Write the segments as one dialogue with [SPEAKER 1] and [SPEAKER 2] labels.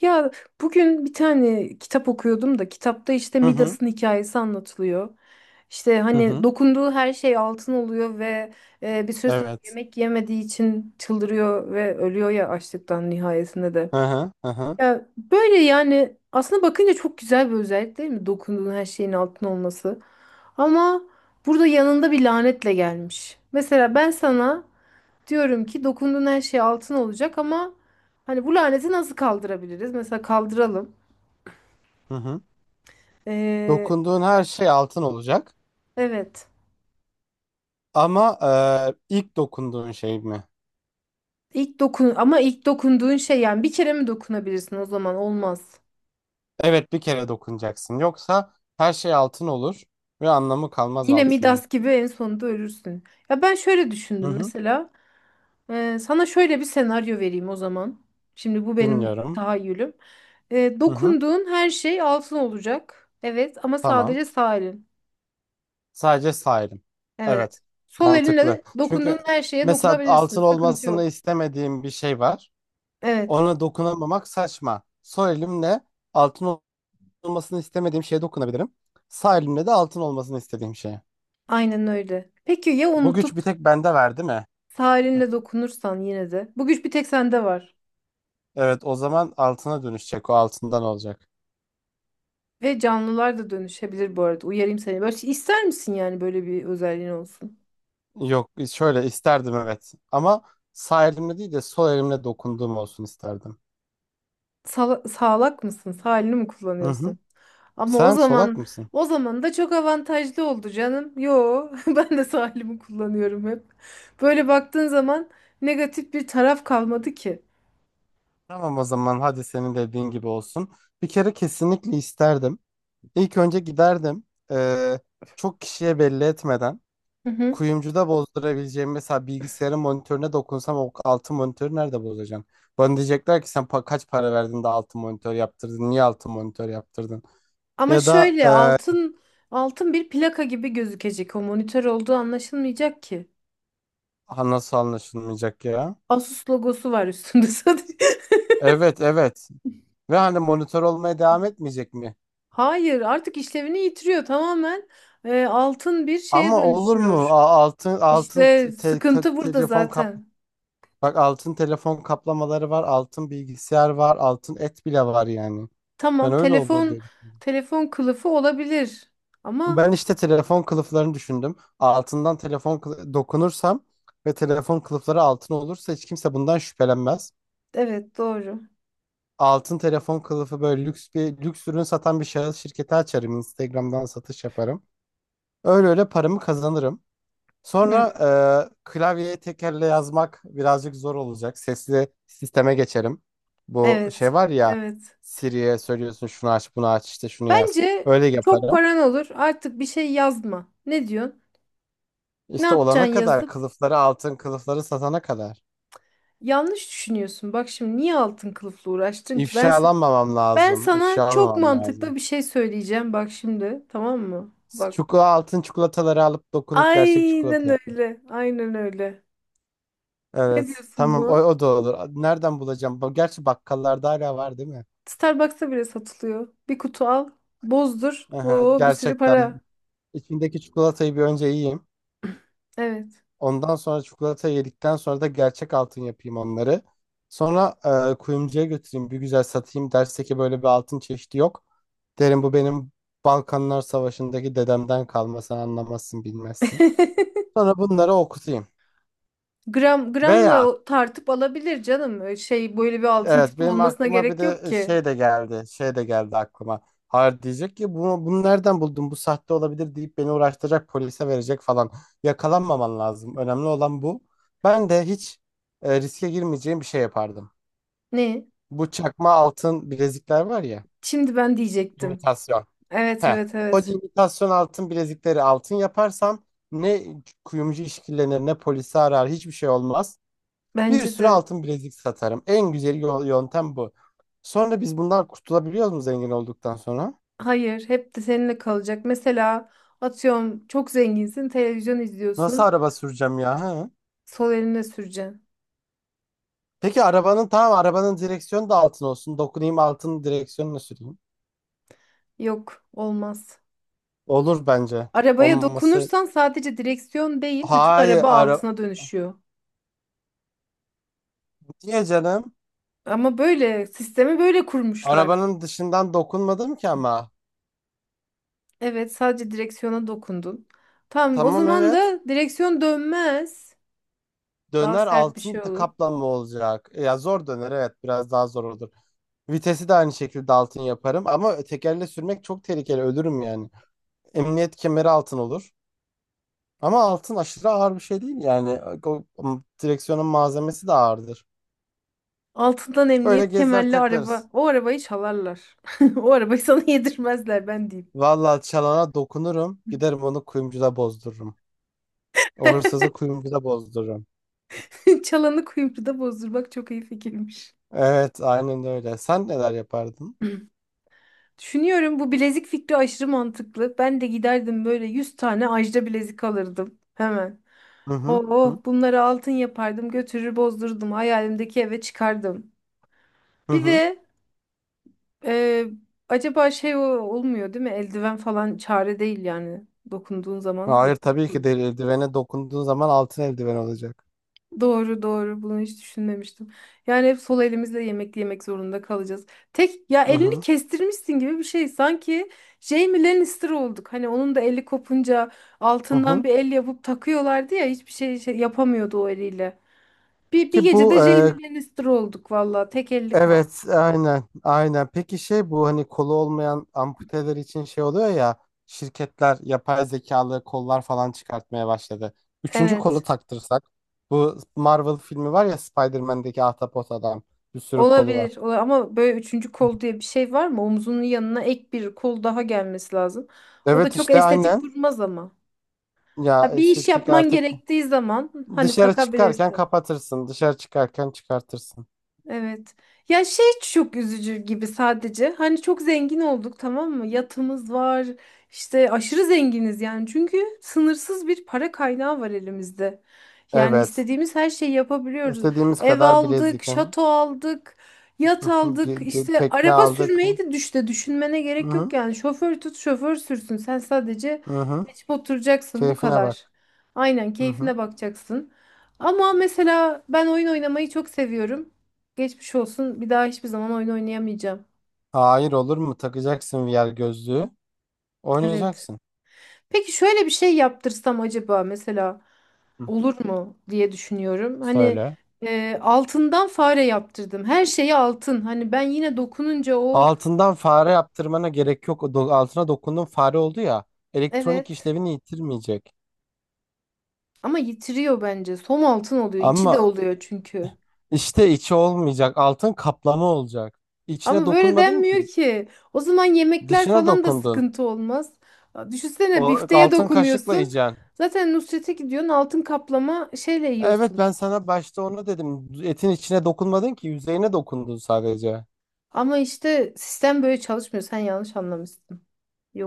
[SPEAKER 1] Ya bugün bir tane kitap okuyordum da kitapta işte
[SPEAKER 2] Hı hı.
[SPEAKER 1] Midas'ın hikayesi anlatılıyor. İşte
[SPEAKER 2] Hı
[SPEAKER 1] hani
[SPEAKER 2] hı.
[SPEAKER 1] dokunduğu her şey altın oluyor ve bir süre sonra
[SPEAKER 2] Evet.
[SPEAKER 1] yemek yemediği için çıldırıyor ve ölüyor ya açlıktan nihayesinde de.
[SPEAKER 2] Hı hı. Hı hı.
[SPEAKER 1] Ya böyle yani aslında bakınca çok güzel bir özellik değil mi? Dokunduğun her şeyin altın olması. Ama burada yanında bir lanetle gelmiş. Mesela ben sana diyorum ki dokunduğun her şey altın olacak ama hani bu laneti nasıl kaldırabiliriz? Mesela kaldıralım.
[SPEAKER 2] Hı hı.
[SPEAKER 1] Ee,
[SPEAKER 2] Dokunduğun her şey altın olacak.
[SPEAKER 1] evet.
[SPEAKER 2] Ama ilk dokunduğun şey mi?
[SPEAKER 1] İlk dokun ama ilk dokunduğun şey yani bir kere mi dokunabilirsin o zaman olmaz.
[SPEAKER 2] Evet, bir kere dokunacaksın. Yoksa her şey altın olur ve anlamı kalmaz
[SPEAKER 1] Yine
[SPEAKER 2] altının.
[SPEAKER 1] Midas gibi en sonunda ölürsün. Ya ben şöyle
[SPEAKER 2] Hı
[SPEAKER 1] düşündüm
[SPEAKER 2] hı.
[SPEAKER 1] mesela. Sana şöyle bir senaryo vereyim o zaman. Şimdi bu benim
[SPEAKER 2] Dinliyorum.
[SPEAKER 1] tahayyülüm.
[SPEAKER 2] Hı hı.
[SPEAKER 1] Dokunduğun her şey altın olacak. Evet ama
[SPEAKER 2] Tamam.
[SPEAKER 1] sadece sağ elin.
[SPEAKER 2] Sadece sahibim.
[SPEAKER 1] Evet.
[SPEAKER 2] Evet.
[SPEAKER 1] Sol
[SPEAKER 2] Mantıklı.
[SPEAKER 1] elinle
[SPEAKER 2] Çünkü
[SPEAKER 1] dokunduğun her şeye
[SPEAKER 2] mesela
[SPEAKER 1] dokunabilirsin.
[SPEAKER 2] altın
[SPEAKER 1] Sıkıntı
[SPEAKER 2] olmasını
[SPEAKER 1] yok.
[SPEAKER 2] istemediğim bir şey var.
[SPEAKER 1] Evet,
[SPEAKER 2] Ona dokunamamak saçma. Sol elimle altın olmasını istemediğim şeye dokunabilirim. Sağ elimle de altın olmasını istediğim şeye.
[SPEAKER 1] aynen öyle. Peki ya
[SPEAKER 2] Bu güç bir
[SPEAKER 1] unutup
[SPEAKER 2] tek bende var değil mi?
[SPEAKER 1] sarinle dokunursan yine de? Bu güç bir tek sende var.
[SPEAKER 2] Evet, o zaman altına dönüşecek, o altından olacak.
[SPEAKER 1] Ve canlılar da dönüşebilir bu arada. Uyarayım seni. Böyle şey, ister misin yani böyle bir özelliğin olsun?
[SPEAKER 2] Yok, şöyle isterdim evet, ama sağ elimle değil de sol elimle dokunduğum olsun isterdim.
[SPEAKER 1] Sağlak mısın? Sağlini mi
[SPEAKER 2] Hı hı.
[SPEAKER 1] kullanıyorsun? Ama o
[SPEAKER 2] Sen solak
[SPEAKER 1] zaman
[SPEAKER 2] mısın?
[SPEAKER 1] o zaman da çok avantajlı oldu canım. Yo, ben de sağlimi kullanıyorum hep. Böyle baktığın zaman negatif bir taraf kalmadı ki.
[SPEAKER 2] Tamam, o zaman hadi senin dediğin gibi olsun. Bir kere kesinlikle isterdim. İlk önce giderdim. Ee, çok kişiye belli etmeden. Kuyumcuda bozdurabileceğim mesela, bilgisayarın monitörüne dokunsam o altın monitörü nerede bozacağım? Bana diyecekler ki, sen kaç para verdin de altın monitör yaptırdın? Niye altın monitör yaptırdın?
[SPEAKER 1] Ama
[SPEAKER 2] Ya da
[SPEAKER 1] şöyle
[SPEAKER 2] e,
[SPEAKER 1] altın altın bir plaka gibi gözükecek. O monitör olduğu anlaşılmayacak ki.
[SPEAKER 2] ha, nasıl anlaşılmayacak ya?
[SPEAKER 1] Asus logosu var üstünde sadece.
[SPEAKER 2] Evet, evet. Ve hani monitör olmaya devam etmeyecek mi?
[SPEAKER 1] Hayır, artık işlevini yitiriyor tamamen. Altın bir şeye
[SPEAKER 2] Ama olur mu?
[SPEAKER 1] dönüşüyor.
[SPEAKER 2] A- altın altın
[SPEAKER 1] İşte
[SPEAKER 2] te- te-
[SPEAKER 1] sıkıntı burada
[SPEAKER 2] telefon kap
[SPEAKER 1] zaten.
[SPEAKER 2] Bak, altın telefon kaplamaları var, altın bilgisayar var, altın et bile var yani. Ben
[SPEAKER 1] Tamam,
[SPEAKER 2] öyle olur
[SPEAKER 1] telefon
[SPEAKER 2] dedim.
[SPEAKER 1] telefon kılıfı olabilir. Ama
[SPEAKER 2] Ben işte telefon kılıflarını düşündüm. Dokunursam ve telefon kılıfları altın olursa hiç kimse bundan şüphelenmez.
[SPEAKER 1] evet doğru.
[SPEAKER 2] Altın telefon kılıfı böyle lüks bir, lüks ürün satan bir şahıs şirketi açarım. Instagram'dan satış yaparım. Öyle öyle paramı kazanırım. Sonra
[SPEAKER 1] Hmm,
[SPEAKER 2] klavyeye tekerle yazmak birazcık zor olacak. Sesli sisteme geçerim. Bu şey
[SPEAKER 1] evet.
[SPEAKER 2] var ya,
[SPEAKER 1] Evet.
[SPEAKER 2] Siri'ye söylüyorsun şunu aç, bunu aç, işte şunu yaz.
[SPEAKER 1] Bence
[SPEAKER 2] Öyle
[SPEAKER 1] çok
[SPEAKER 2] yaparım.
[SPEAKER 1] paran olur. Artık bir şey yazma. Ne diyorsun? Ne
[SPEAKER 2] İşte olana
[SPEAKER 1] yapacaksın
[SPEAKER 2] kadar,
[SPEAKER 1] yazıp?
[SPEAKER 2] altın kılıfları satana kadar.
[SPEAKER 1] Yanlış düşünüyorsun. Bak şimdi niye altın kılıfla uğraştın ki?
[SPEAKER 2] İfşalanmamam
[SPEAKER 1] Ben
[SPEAKER 2] lazım.
[SPEAKER 1] sana çok
[SPEAKER 2] İfşalanmamam
[SPEAKER 1] mantıklı
[SPEAKER 2] lazım.
[SPEAKER 1] bir şey söyleyeceğim. Bak şimdi, tamam mı? Bak.
[SPEAKER 2] Çikolata, altın çikolataları alıp dokunup gerçek
[SPEAKER 1] Aynen
[SPEAKER 2] çikolata yap.
[SPEAKER 1] öyle. Aynen öyle. Ne
[SPEAKER 2] Evet.
[SPEAKER 1] diyorsun
[SPEAKER 2] Tamam, o,
[SPEAKER 1] buna?
[SPEAKER 2] o da olur. Nereden bulacağım? Gerçi bakkallarda hala var değil mi?
[SPEAKER 1] Starbucks'ta bile satılıyor. Bir kutu al, bozdur.
[SPEAKER 2] Aha,
[SPEAKER 1] Oo, bir sürü
[SPEAKER 2] gerçekten.
[SPEAKER 1] para.
[SPEAKER 2] İçindeki çikolatayı bir önce yiyeyim.
[SPEAKER 1] Evet.
[SPEAKER 2] Ondan sonra, çikolatayı yedikten sonra da gerçek altın yapayım onları. Sonra kuyumcuya götüreyim. Bir güzel satayım. Derse ki böyle bir altın çeşidi yok. Derim bu benim Balkanlar Savaşı'ndaki dedemden kalma. Sen anlamazsın, bilmezsin. Sonra bunları okutayım.
[SPEAKER 1] Gram gramla
[SPEAKER 2] Veya,
[SPEAKER 1] tartıp alabilir canım. Öyle şey böyle bir altın
[SPEAKER 2] evet,
[SPEAKER 1] tipi
[SPEAKER 2] benim
[SPEAKER 1] olmasına
[SPEAKER 2] aklıma bir
[SPEAKER 1] gerek
[SPEAKER 2] de
[SPEAKER 1] yok ki.
[SPEAKER 2] şey de geldi. Şey de geldi aklıma. Hayır diyecek ki, bunu nereden buldun? Bu sahte olabilir deyip beni uğraştıracak, polise verecek falan. Yakalanmaman lazım. Önemli olan bu. Ben de hiç riske girmeyeceğim bir şey yapardım.
[SPEAKER 1] Ne?
[SPEAKER 2] Bu çakma altın bilezikler var ya.
[SPEAKER 1] Şimdi ben diyecektim.
[SPEAKER 2] İmitasyon.
[SPEAKER 1] Evet
[SPEAKER 2] Heh.
[SPEAKER 1] evet
[SPEAKER 2] O
[SPEAKER 1] evet.
[SPEAKER 2] imitasyon altın bilezikleri altın yaparsam, ne kuyumcu işkillenir ne polisi arar, hiçbir şey olmaz. Bir
[SPEAKER 1] Bence
[SPEAKER 2] sürü
[SPEAKER 1] de.
[SPEAKER 2] altın bilezik satarım. En güzel yöntem bu. Sonra biz bundan kurtulabiliyor mu zengin olduktan sonra?
[SPEAKER 1] Hayır, hep de seninle kalacak. Mesela atıyorum çok zenginsin, televizyon
[SPEAKER 2] Nasıl
[SPEAKER 1] izliyorsun.
[SPEAKER 2] araba süreceğim ya? Ha?
[SPEAKER 1] Sol eline süreceksin.
[SPEAKER 2] Peki arabanın, tamam, arabanın direksiyonu da altın olsun. Dokunayım, altın direksiyonunu süreyim.
[SPEAKER 1] Yok, olmaz.
[SPEAKER 2] Olur bence.
[SPEAKER 1] Arabaya
[SPEAKER 2] Olmaması.
[SPEAKER 1] dokunursan sadece direksiyon değil, bütün
[SPEAKER 2] Hayır,
[SPEAKER 1] araba altına dönüşüyor.
[SPEAKER 2] niye canım?
[SPEAKER 1] Ama böyle sistemi böyle kurmuşlar.
[SPEAKER 2] Arabanın dışından dokunmadım ki ama.
[SPEAKER 1] Evet, sadece direksiyona dokundun. Tamam, o
[SPEAKER 2] Tamam,
[SPEAKER 1] zaman
[SPEAKER 2] evet.
[SPEAKER 1] da direksiyon dönmez. Daha
[SPEAKER 2] Döner,
[SPEAKER 1] sert bir
[SPEAKER 2] altın
[SPEAKER 1] şey olur.
[SPEAKER 2] kaplama olacak. Ya zor döner, evet biraz daha zor olur. Vitesi de aynı şekilde altın yaparım, ama tekerle sürmek çok tehlikeli, ölürüm yani. Emniyet kemeri altın olur. Ama altın aşırı ağır bir şey değil yani. O direksiyonun malzemesi de ağırdır.
[SPEAKER 1] Altından
[SPEAKER 2] Böyle
[SPEAKER 1] emniyet
[SPEAKER 2] gezer
[SPEAKER 1] kemerli
[SPEAKER 2] taklarız.
[SPEAKER 1] araba. O arabayı çalarlar. O arabayı sana yedirmezler ben diyeyim.
[SPEAKER 2] Vallahi çalana dokunurum. Giderim, onu kuyumcuda bozdururum. O hırsızı kuyumcuda bozdururum.
[SPEAKER 1] Çalanı kuyumcuda bozdurmak çok iyi fikirmiş.
[SPEAKER 2] Evet, aynen öyle. Sen neler yapardın?
[SPEAKER 1] Düşünüyorum bu bilezik fikri aşırı mantıklı. Ben de giderdim böyle 100 tane ajda bilezik alırdım hemen.
[SPEAKER 2] Hı hı. Hı
[SPEAKER 1] Oo, bunları altın yapardım, götürür bozdururdum hayalimdeki eve çıkardım.
[SPEAKER 2] hı.
[SPEAKER 1] Bir
[SPEAKER 2] Hı.
[SPEAKER 1] de e, acaba şey olmuyor değil mi? Eldiven falan çare değil yani dokunduğun zaman.
[SPEAKER 2] Hayır,
[SPEAKER 1] Dokun.
[SPEAKER 2] tabii ki değil. Eldivene dokunduğun zaman altın eldiven olacak.
[SPEAKER 1] Doğru doğru bunu hiç düşünmemiştim. Yani hep sol elimizle yemek yemek zorunda kalacağız. Tek ya
[SPEAKER 2] Hı
[SPEAKER 1] elini
[SPEAKER 2] hı.
[SPEAKER 1] kestirmişsin gibi bir şey. Sanki Jaime Lannister olduk. Hani onun da eli kopunca
[SPEAKER 2] Hı
[SPEAKER 1] altından
[SPEAKER 2] hı.
[SPEAKER 1] bir el yapıp takıyorlardı ya hiçbir şey, şey yapamıyordu o eliyle. Bir
[SPEAKER 2] Ki
[SPEAKER 1] gecede
[SPEAKER 2] bu e,
[SPEAKER 1] Jaime Lannister olduk valla tek elli kal.
[SPEAKER 2] Evet, aynen, aynen. Peki şey, bu hani kolu olmayan amputeler için şey oluyor ya, şirketler yapay zekalı kollar falan çıkartmaya başladı. Üçüncü kolu
[SPEAKER 1] Evet
[SPEAKER 2] taktırsak, bu Marvel filmi var ya, Spider-Man'deki Ahtapot adam, bir sürü kolu
[SPEAKER 1] olabilir,
[SPEAKER 2] var.
[SPEAKER 1] ama böyle üçüncü kol diye bir şey var mı? Omzunun yanına ek bir kol daha gelmesi lazım. O da
[SPEAKER 2] Evet
[SPEAKER 1] çok
[SPEAKER 2] işte
[SPEAKER 1] estetik
[SPEAKER 2] aynen,
[SPEAKER 1] durmaz ama.
[SPEAKER 2] ya
[SPEAKER 1] Ha, bir iş
[SPEAKER 2] estetik
[SPEAKER 1] yapman
[SPEAKER 2] artık,
[SPEAKER 1] gerektiği zaman hani
[SPEAKER 2] dışarı çıkarken
[SPEAKER 1] takabilirsin.
[SPEAKER 2] kapatırsın, dışarı çıkarken çıkartırsın.
[SPEAKER 1] Evet. Ya şey çok üzücü gibi sadece. Hani çok zengin olduk tamam mı? Yatımız var. İşte aşırı zenginiz yani. Çünkü sınırsız bir para kaynağı var elimizde. Yani
[SPEAKER 2] Evet.
[SPEAKER 1] istediğimiz her şeyi yapabiliyoruz.
[SPEAKER 2] İstediğimiz
[SPEAKER 1] Ev
[SPEAKER 2] kadar
[SPEAKER 1] aldık,
[SPEAKER 2] bilezik. Hı hı.
[SPEAKER 1] şato aldık,
[SPEAKER 2] Hı
[SPEAKER 1] yat
[SPEAKER 2] hı.
[SPEAKER 1] aldık. İşte
[SPEAKER 2] Tekne
[SPEAKER 1] araba
[SPEAKER 2] aldık.
[SPEAKER 1] sürmeyi
[SPEAKER 2] Hı
[SPEAKER 1] de düşünmene gerek yok
[SPEAKER 2] hı.
[SPEAKER 1] yani. Şoför tut, şoför sürsün. Sen sadece
[SPEAKER 2] Hı hı.
[SPEAKER 1] geçip oturacaksın bu
[SPEAKER 2] Keyfine bak.
[SPEAKER 1] kadar. Aynen
[SPEAKER 2] Hı hı.
[SPEAKER 1] keyfine bakacaksın. Ama mesela ben oyun oynamayı çok seviyorum. Geçmiş olsun. Bir daha hiçbir zaman oyun oynayamayacağım.
[SPEAKER 2] Hayır, olur mu? Takacaksın VR gözlüğü.
[SPEAKER 1] Evet.
[SPEAKER 2] Oynayacaksın.
[SPEAKER 1] Peki şöyle bir şey yaptırsam acaba mesela
[SPEAKER 2] Hı.
[SPEAKER 1] olur mu diye düşünüyorum. Hani
[SPEAKER 2] Söyle.
[SPEAKER 1] altından fare yaptırdım. Her şeyi altın. Hani ben yine dokununca o
[SPEAKER 2] Altından fare yaptırmana gerek yok. Altına dokundun fare oldu ya. Elektronik
[SPEAKER 1] evet
[SPEAKER 2] işlevini yitirmeyecek.
[SPEAKER 1] ama yitiriyor bence. Som altın oluyor. İçi de
[SPEAKER 2] Ama
[SPEAKER 1] oluyor çünkü.
[SPEAKER 2] işte içi olmayacak. Altın kaplama olacak. İçine
[SPEAKER 1] Ama böyle
[SPEAKER 2] dokunmadın
[SPEAKER 1] denmiyor
[SPEAKER 2] ki.
[SPEAKER 1] ki. O zaman yemekler
[SPEAKER 2] Dışına
[SPEAKER 1] falan da
[SPEAKER 2] dokundun.
[SPEAKER 1] sıkıntı olmaz.
[SPEAKER 2] O
[SPEAKER 1] Düşünsene bifteye
[SPEAKER 2] altın kaşıkla
[SPEAKER 1] dokunuyorsun.
[SPEAKER 2] yiyeceksin.
[SPEAKER 1] Zaten Nusret'e gidiyorsun altın kaplama şeyle
[SPEAKER 2] Evet,
[SPEAKER 1] yiyorsun.
[SPEAKER 2] ben sana başta onu dedim. Etin içine dokunmadın ki, yüzeyine dokundun sadece.
[SPEAKER 1] Ama işte sistem böyle çalışmıyor. Sen yanlış anlamışsın.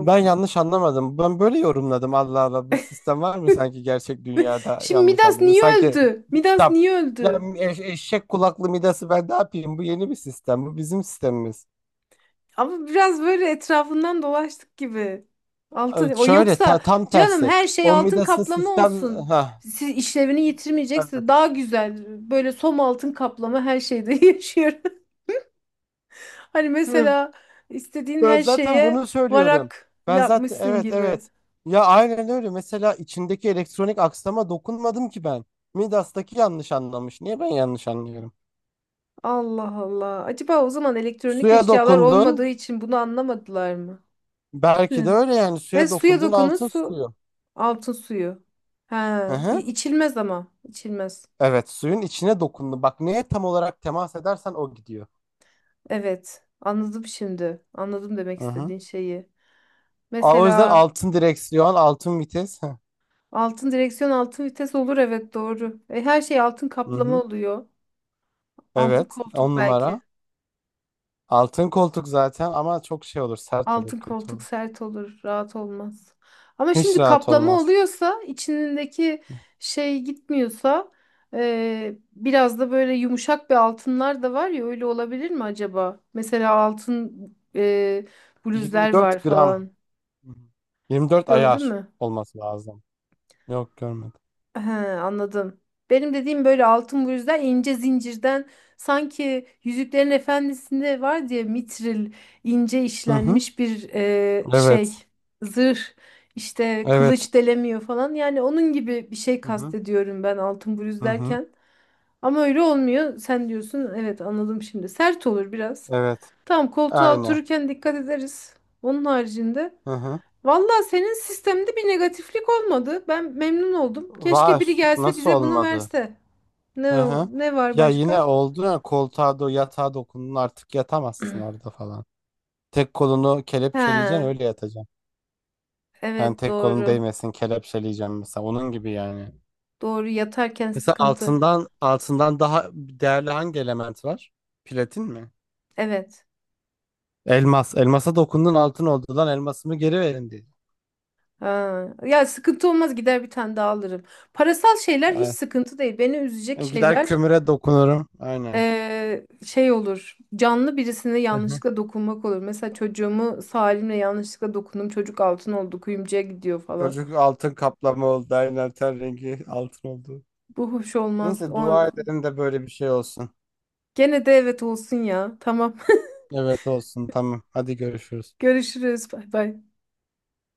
[SPEAKER 2] Ben yanlış anlamadım. Ben böyle yorumladım. Allah Allah, bu sistem var mı sanki gerçek dünyada,
[SPEAKER 1] Şimdi
[SPEAKER 2] yanlış
[SPEAKER 1] Midas
[SPEAKER 2] anladım.
[SPEAKER 1] niye
[SPEAKER 2] Sanki
[SPEAKER 1] öldü?
[SPEAKER 2] bir
[SPEAKER 1] Midas
[SPEAKER 2] kitap.
[SPEAKER 1] niye
[SPEAKER 2] Ya,
[SPEAKER 1] öldü?
[SPEAKER 2] eşek kulaklı Midas'ı ben ne yapayım? Bu yeni bir sistem. Bu bizim sistemimiz.
[SPEAKER 1] Ama biraz böyle etrafından dolaştık gibi. Altın o
[SPEAKER 2] Şöyle
[SPEAKER 1] yoksa
[SPEAKER 2] tam
[SPEAKER 1] canım
[SPEAKER 2] tersi.
[SPEAKER 1] her şey
[SPEAKER 2] O
[SPEAKER 1] altın
[SPEAKER 2] Midas'ın
[SPEAKER 1] kaplama
[SPEAKER 2] sistem...
[SPEAKER 1] olsun.
[SPEAKER 2] Ha,
[SPEAKER 1] Siz işlevini
[SPEAKER 2] evet.
[SPEAKER 1] yitirmeyecekse daha güzel. Böyle som altın kaplama her şeyde yaşıyorum. Hani
[SPEAKER 2] Hı,
[SPEAKER 1] mesela istediğin
[SPEAKER 2] Ben
[SPEAKER 1] her
[SPEAKER 2] zaten
[SPEAKER 1] şeye
[SPEAKER 2] bunu söylüyorum.
[SPEAKER 1] varak
[SPEAKER 2] Ben zaten,
[SPEAKER 1] yapmışsın
[SPEAKER 2] evet,
[SPEAKER 1] gibi.
[SPEAKER 2] evet. Ya aynen öyle. Mesela içindeki elektronik aksama dokunmadım ki ben. Midas'taki yanlış anlamış. Niye ben yanlış anlıyorum?
[SPEAKER 1] Allah Allah. Acaba o zaman elektronik
[SPEAKER 2] Suya
[SPEAKER 1] eşyalar olmadığı
[SPEAKER 2] dokundun.
[SPEAKER 1] için bunu anlamadılar mı?
[SPEAKER 2] Belki de
[SPEAKER 1] Hı.
[SPEAKER 2] öyle yani,
[SPEAKER 1] Ve
[SPEAKER 2] suya
[SPEAKER 1] suya
[SPEAKER 2] dokundun,
[SPEAKER 1] dokunun
[SPEAKER 2] altın
[SPEAKER 1] su.
[SPEAKER 2] suyu.
[SPEAKER 1] Altın suyu.
[SPEAKER 2] Hı
[SPEAKER 1] Ha,
[SPEAKER 2] hı.
[SPEAKER 1] içilmez ama. İçilmez.
[SPEAKER 2] Evet, suyun içine dokundun. Bak, neye tam olarak temas edersen o gidiyor.
[SPEAKER 1] Evet. Anladım şimdi. Anladım demek
[SPEAKER 2] Hı hı.
[SPEAKER 1] istediğin şeyi.
[SPEAKER 2] Aa, o yüzden
[SPEAKER 1] Mesela
[SPEAKER 2] altın direksiyon, altın vites. Hı
[SPEAKER 1] altın direksiyon, altın vites olur evet doğru. Her şey altın
[SPEAKER 2] hı.
[SPEAKER 1] kaplama
[SPEAKER 2] Hı.
[SPEAKER 1] oluyor. Altın
[SPEAKER 2] Evet,
[SPEAKER 1] koltuk
[SPEAKER 2] on
[SPEAKER 1] belki.
[SPEAKER 2] numara. Altın koltuk zaten, ama çok şey olur, sert olur,
[SPEAKER 1] Altın
[SPEAKER 2] kötü
[SPEAKER 1] koltuk
[SPEAKER 2] olur.
[SPEAKER 1] sert olur, rahat olmaz. Ama şimdi
[SPEAKER 2] Hiç rahat
[SPEAKER 1] kaplama
[SPEAKER 2] olmaz.
[SPEAKER 1] oluyorsa, içindeki şey gitmiyorsa, biraz da böyle yumuşak bir altınlar da var ya, öyle olabilir mi acaba? Mesela altın bluzlar var
[SPEAKER 2] 24 gram.
[SPEAKER 1] falan.
[SPEAKER 2] Hı hı.
[SPEAKER 1] Hiç
[SPEAKER 2] 24
[SPEAKER 1] gördün
[SPEAKER 2] ayar
[SPEAKER 1] mü?
[SPEAKER 2] olması lazım. Yok, görmedim.
[SPEAKER 1] He, anladım. Benim dediğim böyle altın bu yüzden ince zincirden sanki Yüzüklerin Efendisi'nde var diye mitril ince
[SPEAKER 2] Hı hı.
[SPEAKER 1] işlenmiş bir
[SPEAKER 2] Evet.
[SPEAKER 1] şey zırh işte
[SPEAKER 2] Evet.
[SPEAKER 1] kılıç delemiyor falan yani onun gibi bir şey
[SPEAKER 2] Hı hı.
[SPEAKER 1] kastediyorum ben altın bluz
[SPEAKER 2] Hı hı.
[SPEAKER 1] derken ama öyle olmuyor sen diyorsun evet anladım şimdi sert olur biraz
[SPEAKER 2] Evet.
[SPEAKER 1] tamam koltuğa
[SPEAKER 2] Aynen.
[SPEAKER 1] otururken dikkat ederiz onun haricinde
[SPEAKER 2] Hı hı.
[SPEAKER 1] valla senin sistemde bir negatiflik olmadı. Ben memnun oldum. Keşke biri
[SPEAKER 2] Var.
[SPEAKER 1] gelse
[SPEAKER 2] Nasıl
[SPEAKER 1] bize bunu
[SPEAKER 2] olmadı?
[SPEAKER 1] verse.
[SPEAKER 2] Hı
[SPEAKER 1] Ne
[SPEAKER 2] hı.
[SPEAKER 1] ne var
[SPEAKER 2] Ya
[SPEAKER 1] başka?
[SPEAKER 2] yine oldu ya, koltuğa yatağa dokundun, artık yatamazsın orada falan. Tek kolunu kelepçeleyeceksin,
[SPEAKER 1] Ha,
[SPEAKER 2] öyle yatacaksın. Yani
[SPEAKER 1] evet
[SPEAKER 2] tek kolun
[SPEAKER 1] doğru.
[SPEAKER 2] değmesin kelepçeleyeceğim mesela, onun gibi yani.
[SPEAKER 1] Doğru yatarken
[SPEAKER 2] Mesela
[SPEAKER 1] sıkıntı.
[SPEAKER 2] altından daha değerli hangi element var? Platin mi?
[SPEAKER 1] Evet.
[SPEAKER 2] Elmas. Elmasa dokundun altın oldu, lan elmasımı geri verin diye.
[SPEAKER 1] Ha. Ya sıkıntı olmaz gider bir tane daha alırım. Parasal şeyler hiç
[SPEAKER 2] Ay,
[SPEAKER 1] sıkıntı değil. Beni üzecek
[SPEAKER 2] ben gider
[SPEAKER 1] şeyler
[SPEAKER 2] kömüre dokunurum. Aynen.
[SPEAKER 1] şey olur. Canlı birisine
[SPEAKER 2] Hı hı.
[SPEAKER 1] yanlışlıkla dokunmak olur. Mesela çocuğumu Salim'le yanlışlıkla dokundum. Çocuk altın oldu kuyumcuya gidiyor falan.
[SPEAKER 2] Çocuk altın kaplama oldu. Aynen, ten rengi altın oldu.
[SPEAKER 1] Bu hoş olmaz.
[SPEAKER 2] Neyse,
[SPEAKER 1] O
[SPEAKER 2] dua edelim de böyle bir şey olsun.
[SPEAKER 1] gene de evet olsun ya. Tamam.
[SPEAKER 2] Evet, olsun tamam. Hadi görüşürüz.
[SPEAKER 1] Görüşürüz. Bay bay.